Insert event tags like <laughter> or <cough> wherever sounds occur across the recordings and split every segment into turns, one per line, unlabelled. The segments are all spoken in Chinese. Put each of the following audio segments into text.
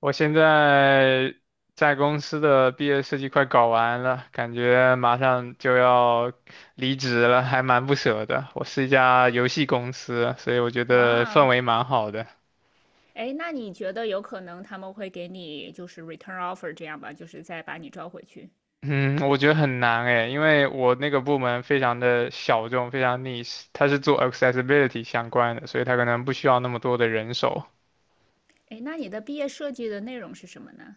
我现在在公司的毕业设计快搞完了，感觉马上就要离职了，还蛮不舍的。我是一家游戏公司，所以我觉得
哇
氛
哦，
围蛮好的。
哎，那你觉得有可能他们会给你就是 return offer 这样吧，就是再把你招回去？
嗯，我觉得很难诶，因为我那个部门非常的小众，非常 niche，它是做 accessibility 相关的，所以它可能不需要那么多的人手。
哎，那你的毕业设计的内容是什么呢？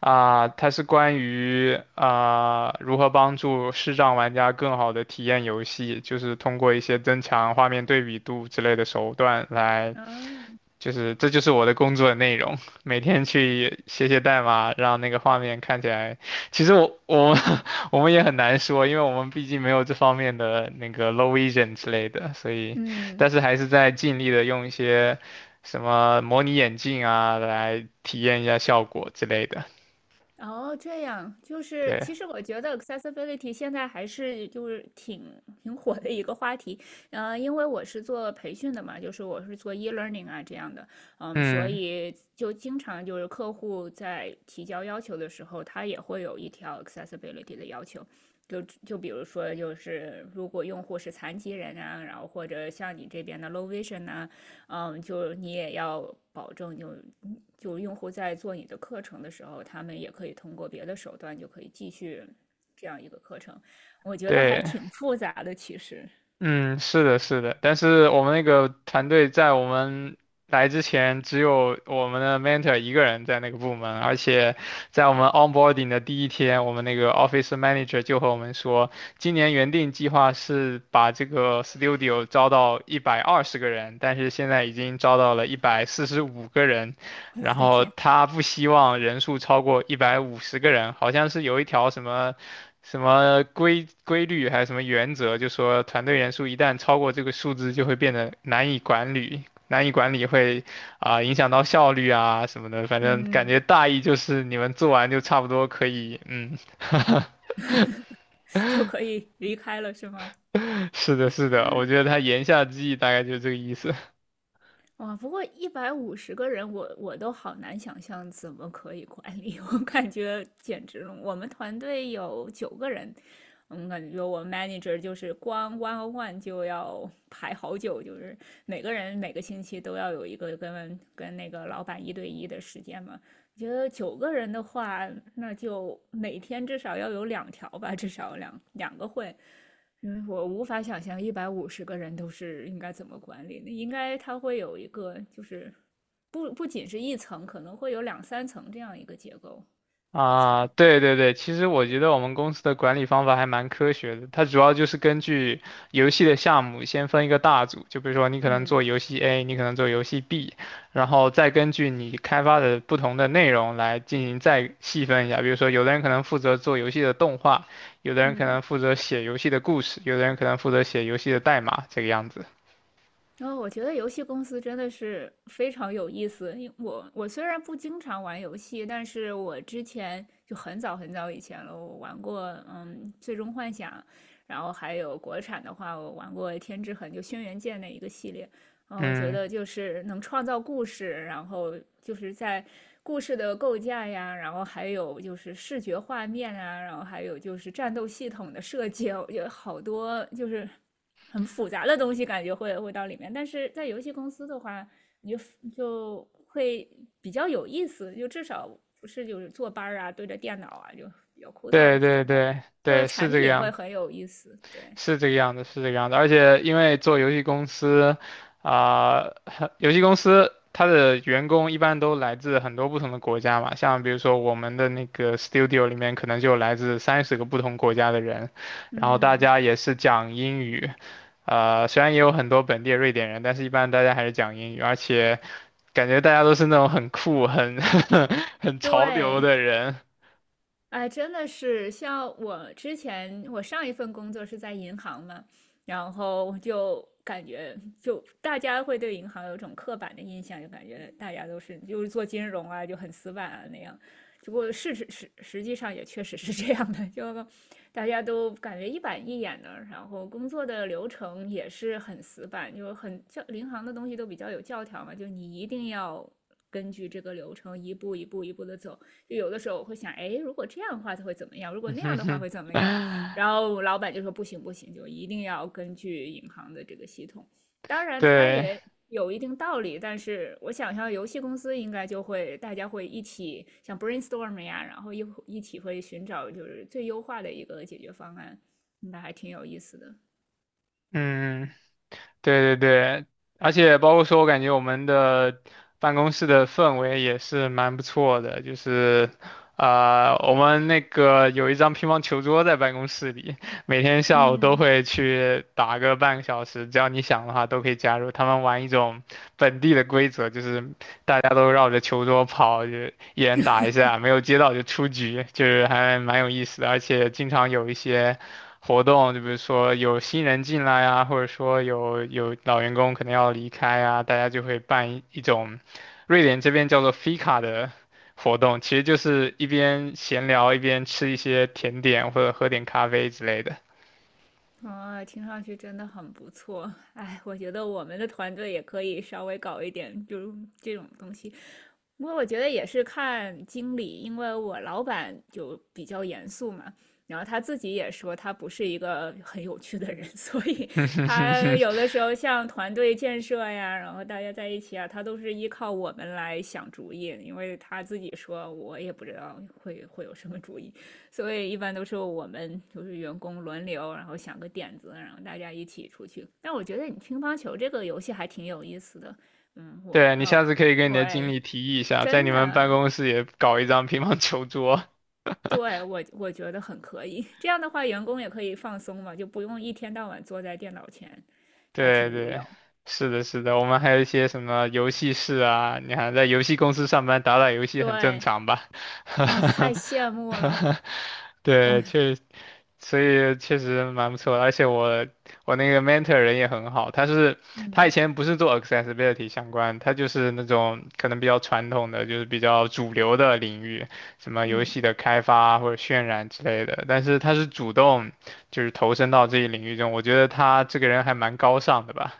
啊，它是关于如何帮助视障玩家更好的体验游戏，就是通过一些增强画面对比度之类的手段来，
啊，
就是这就是我的工作内容，每天去写写代码，让那个画面看起来。其实我我们 <laughs> 我们也很难说，因为我们毕竟没有这方面的那个 low vision 之类的，所以
嗯。
但是还是在尽力的用一些什么模拟眼镜啊来体验一下效果之类的，
哦，这样，就是
对。
其实我觉得 accessibility 现在还是就是挺火的一个话题，因为我是做培训的嘛，就是我是做 e-learning 啊这样的，所
嗯，
以就经常就是客户在提交要求的时候，他也会有一条 accessibility 的要求，就比如说就是如果用户是残疾人啊，然后或者像你这边的 low vision 啊，就你也要保证就用户在做你的课程的时候，他们也可以通过别的手段就可以继续这样一个课程。我觉得还
对，
挺复杂的，其实，
嗯，是的，是的，但是我们那个团队在我们来之前，只有我们的 mentor 一个人在那个部门，而且在我们 onboarding 的第一天，我们那个 office manager 就和我们说，今年原定计划是把这个 studio 招到120个人，但是现在已经招到了145个人，
<laughs> 我
然
的
后
天，
他不希望人数超过150个人，好像是有一条什么。什么规律还是什么原则，就说团队人数一旦超过这个数字，就会变得难以管理，难以管理会影响到效率啊什么的。反正感觉
嗯，
大意就是你们做完就差不多可以，嗯，
就可以离开了是吗？
<laughs> 是的，是的，我觉得他言下之意大概就是这个意思。
哇，不过一百五十个人，我都好难想象怎么可以管理，<laughs> 我感觉简直了。我们团队有九个人，感觉我们 manager 就是光 one on one 就要排好久，就是每个人每个星期都要有一个跟那个老板一对一的时间嘛。我觉得九个人的话，那就每天至少要有两条吧，至少两个会。因为我无法想象一百五十个人都是应该怎么管理的，应该它会有一个就是不仅是一层，可能会有两三层这样一个结构，我
啊，
猜。
对对对，其实我觉得我们公司的管理方法还蛮科学的，它主要就是根据游戏的项目先分一个大组，就比如说你可能
嗯
做游戏 A，你可能做游戏 B，然后再根据你开发的不同的内容来进行再细分一下，比如说有的人可能负责做游戏的动画，有的人可
嗯，
能负责写游戏的故事，有的人可能负责写游戏的代码，这个样子。
然后我觉得游戏公司真的是非常有意思。因为我虽然不经常玩游戏，但是我之前就很早很早以前了，我玩过《最终幻想》，然后还有国产的话，我玩过《天之痕》就《轩辕剑》那一个系列。嗯，我觉
嗯，
得就是能创造故事，然后就是在故事的构架呀，然后还有就是视觉画面啊，然后还有就是战斗系统的设计，我觉得好多就是很复杂的东西，感觉会到里面。但是在游戏公司的话，你就会比较有意思，就至少不是就是坐班儿啊，对着电脑啊，就比较枯
对
燥。至少
对
它
对
做的
对，是
产
这个
品
样
会
子。
很有意思，对，
是这个样子，是这个样子。而且因为做游戏公司，啊、<laughs> 游戏公司它的员工一般都来自很多不同的国家嘛，像比如说我们的那个 studio 里面可能就有来自30个不同国家的人，然后大
嗯，
家也是讲英语，虽然也有很多本地的瑞典人，但是一般大家还是讲英语，而且感觉大家都是那种很酷、很 <laughs> 很潮流
对。
的人。
哎，真的是，像我之前，我上一份工作是在银行嘛，然后就感觉，就大家会对银行有种刻板的印象，就感觉大家都是就是做金融啊，就很死板啊那样。只不过事实实际上也确实是这样的，<laughs> 就大家都感觉一板一眼的，然后工作的流程也是很死板，就很教银行的东西都比较有教条嘛，就你一定要根据这个流程一步一步一步的走。就有的时候我会想，哎，如果这样的话它会怎么样？如果那样的话会怎
<laughs>
么样？然后老板就说不行不行，就一定要根据银行的这个系统。当然，它
对，
也有一定道理，但是我想象游戏公司应该就会大家会一起像 brainstorm 呀，然后一起会寻找就是最优化的一个解决方案，那还挺有意思的。
嗯。对对对，而且包括说，我感觉我们的办公室的氛围也是蛮不错的，就是，我们那个有一张乒乓球桌在办公室里，每天下午都
嗯，
会去打个半个小时，只要你想的话都可以加入。他们玩一种本地的规则，就是大家都绕着球桌跑，就一人打一下，没有接到就出局，就是还蛮有意思的，而且经常有一些。活动，就比如说有新人进来啊，或者说有老员工可能要离开啊，大家就会办一种瑞典这边叫做 f 卡的活动，其实就是一边闲聊一边吃一些甜点或者喝点咖啡之类的。
啊，听上去真的很不错。哎，我觉得我们的团队也可以稍微搞一点，就是这种东西。不过我觉得也是看经理，因为我老板就比较严肃嘛，然后他自己也说他不是一个很有趣的人，<laughs> 所以
<laughs> 哼哼哼
他
哼，
有的时候像团队建设呀，然后大家在一起啊，他都是依靠我们来想主意，因为他自己说我也不知道会有什么主意，所以一般都是我们就是员工轮流，然后想个点子，然后大家一起出去。但我觉得你乒乓球这个游戏还挺有意思的，嗯，我
对，你
要
下次可以跟你的经
对。
理提议一下，在
真
你们办
的，
公室也搞一张乒乓球桌。
对，我觉得很可以。这样的话，员工也可以放松嘛，就不用一天到晚坐在电脑前，还挺
对
无
对，
聊。
是的，是的，我们还有一些什么游戏室啊，你看，在游戏公司上班，打打游戏很正
对，
常吧？
哇，
<laughs>
太羡慕了。哦，
对，确，实，所以确实蛮不错的，而且我那个 mentor 人也很好，他以
嗯
前不是做 accessibility 相关，他就是那种可能比较传统的，就是比较主流的领域，什么游
嗯，
戏的开发或者渲染之类的，但是他是主动。就是投身到这一领域中，我觉得他这个人还蛮高尚的吧。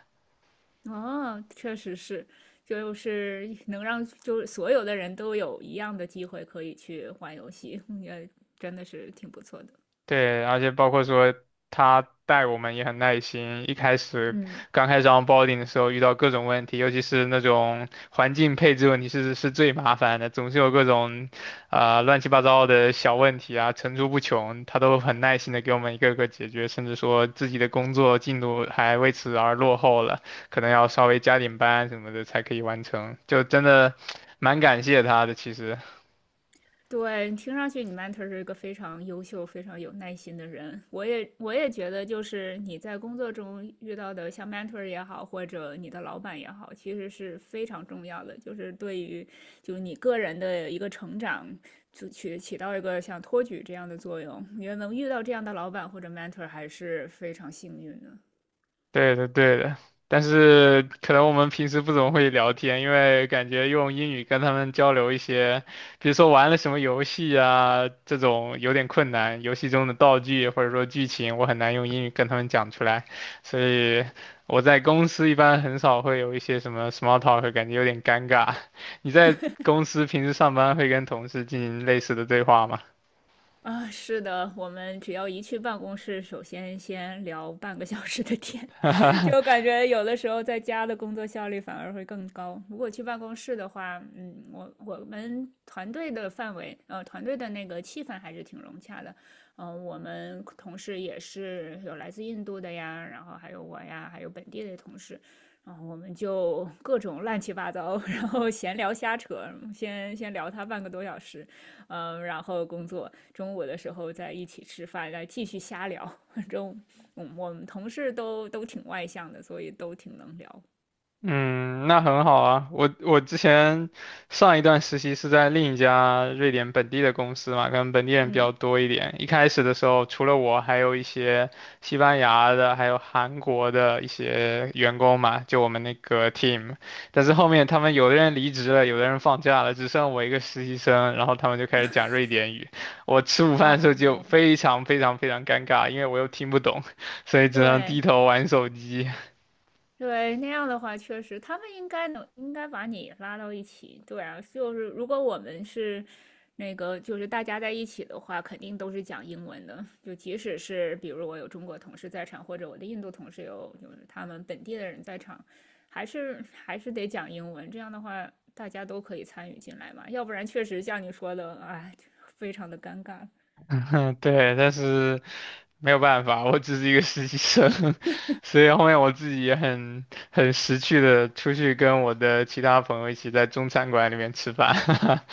哦，确实是，就是能让就是所有的人都有一样的机会可以去玩游戏，也真的是挺不错的。
对，而且包括说他带我们也很耐心，一开始
嗯。
刚开始 onboarding 的时候遇到各种问题，尤其是那种环境配置问题是最麻烦的，总是有各种乱七八糟的小问题啊层出不穷，他都很耐心的给我们一个个解决，甚至说自己的工作进度还为此而落后了，可能要稍微加点班什么的才可以完成，就真的蛮感谢他的，其实。
对，听上去你 mentor 是一个非常优秀、非常有耐心的人。我也觉得，就是你在工作中遇到的像 mentor 也好，或者你的老板也好，其实是非常重要的，就是对于就是你个人的一个成长，就起到一个像托举这样的作用。因为能遇到这样的老板或者 mentor 还是非常幸运的。
对的，对的，但是可能我们平时不怎么会聊天，因为感觉用英语跟他们交流一些，比如说玩了什么游戏啊，这种有点困难。游戏中的道具或者说剧情，我很难用英语跟他们讲出来，所以我在公司一般很少会有一些什么 small talk，感觉有点尴尬。<laughs> 你在公司平时上班会跟同事进行类似的对话吗？
啊，是的，我们只要一去办公室，首先聊半个小时的天，<laughs> 就感觉有的时候在家的工作效率反而会更高。如果去办公室的话，我们团队的范围，团队的那个气氛还是挺融洽的。我们同事也是有来自印度的呀，然后还有我呀，还有本地的同事，然后我们就各种乱七八糟，<laughs> 然后闲聊瞎扯，先聊他半个多小时。然后工作，中午的时候再一起吃饭，再继续瞎聊。<laughs> 反正我们同事都挺外向的，所以都挺能聊。
嗯，那很好啊。我之前上一段实习是在另一家瑞典本地的公司嘛，可能本地人比
嗯，
较多一点。一开始的时候，除了我，还有一些西班牙的，还有韩国的一些员工嘛，就我们那个 team。但是后面他们有的人离职了，有的人放假了，只剩我一个实习生，然后他们就开始讲瑞典语。我吃午饭
哦，
的时候就非常非常非常尴尬，因为我又听不懂，所以只能低
对，
头玩手机。<laughs>
对，那样的话，确实他们应该能应该把你拉到一起。对啊，就是如果我们是那个，就是大家在一起的话，肯定都是讲英文的。就即使是比如我有中国同事在场，或者我的印度同事有就是他们本地的人在场，还是得讲英文。这样的话，大家都可以参与进来嘛。要不然确实像你说的，哎，非常的尴尬。
嗯，对，但是。没有办法，我只是一个实习生，<laughs> 所以后面我自己也很识趣的出去跟我的其他朋友一起在中餐馆里面吃饭，<laughs>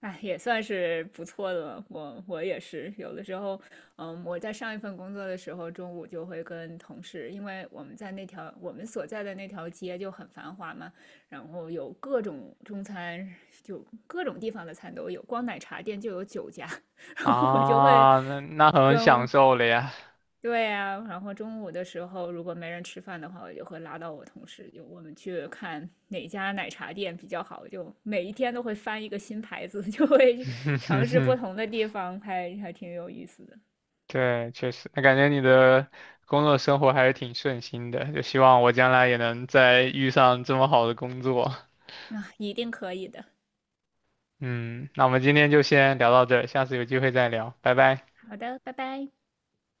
哎，也算是不错的了。我也是，有的时候，我在上一份工作的时候，中午就会跟同事，因为我们在那条我们所在的那条街就很繁华嘛，然后有各种中餐，就各种地方的餐都有，光奶茶店就有9家，<laughs> 然后我就会
啊，那很享
跟
受了呀，
对呀，然后中午的时候如果没人吃饭的话，我就会拉到我同事，就我们去看哪家奶茶店比较好，就每一天都会翻一个新牌子，<laughs> 就会
<laughs> 哼
尝
哼
试不
哼
同的地方，还挺有意思的。
对，确实，那感觉你的工作生活还是挺顺心的，就希望我将来也能再遇上这么好的工作，
那、一定可以的。
嗯，那我们今天就先聊到这儿，下次有机会再聊，拜拜。
好的，拜拜。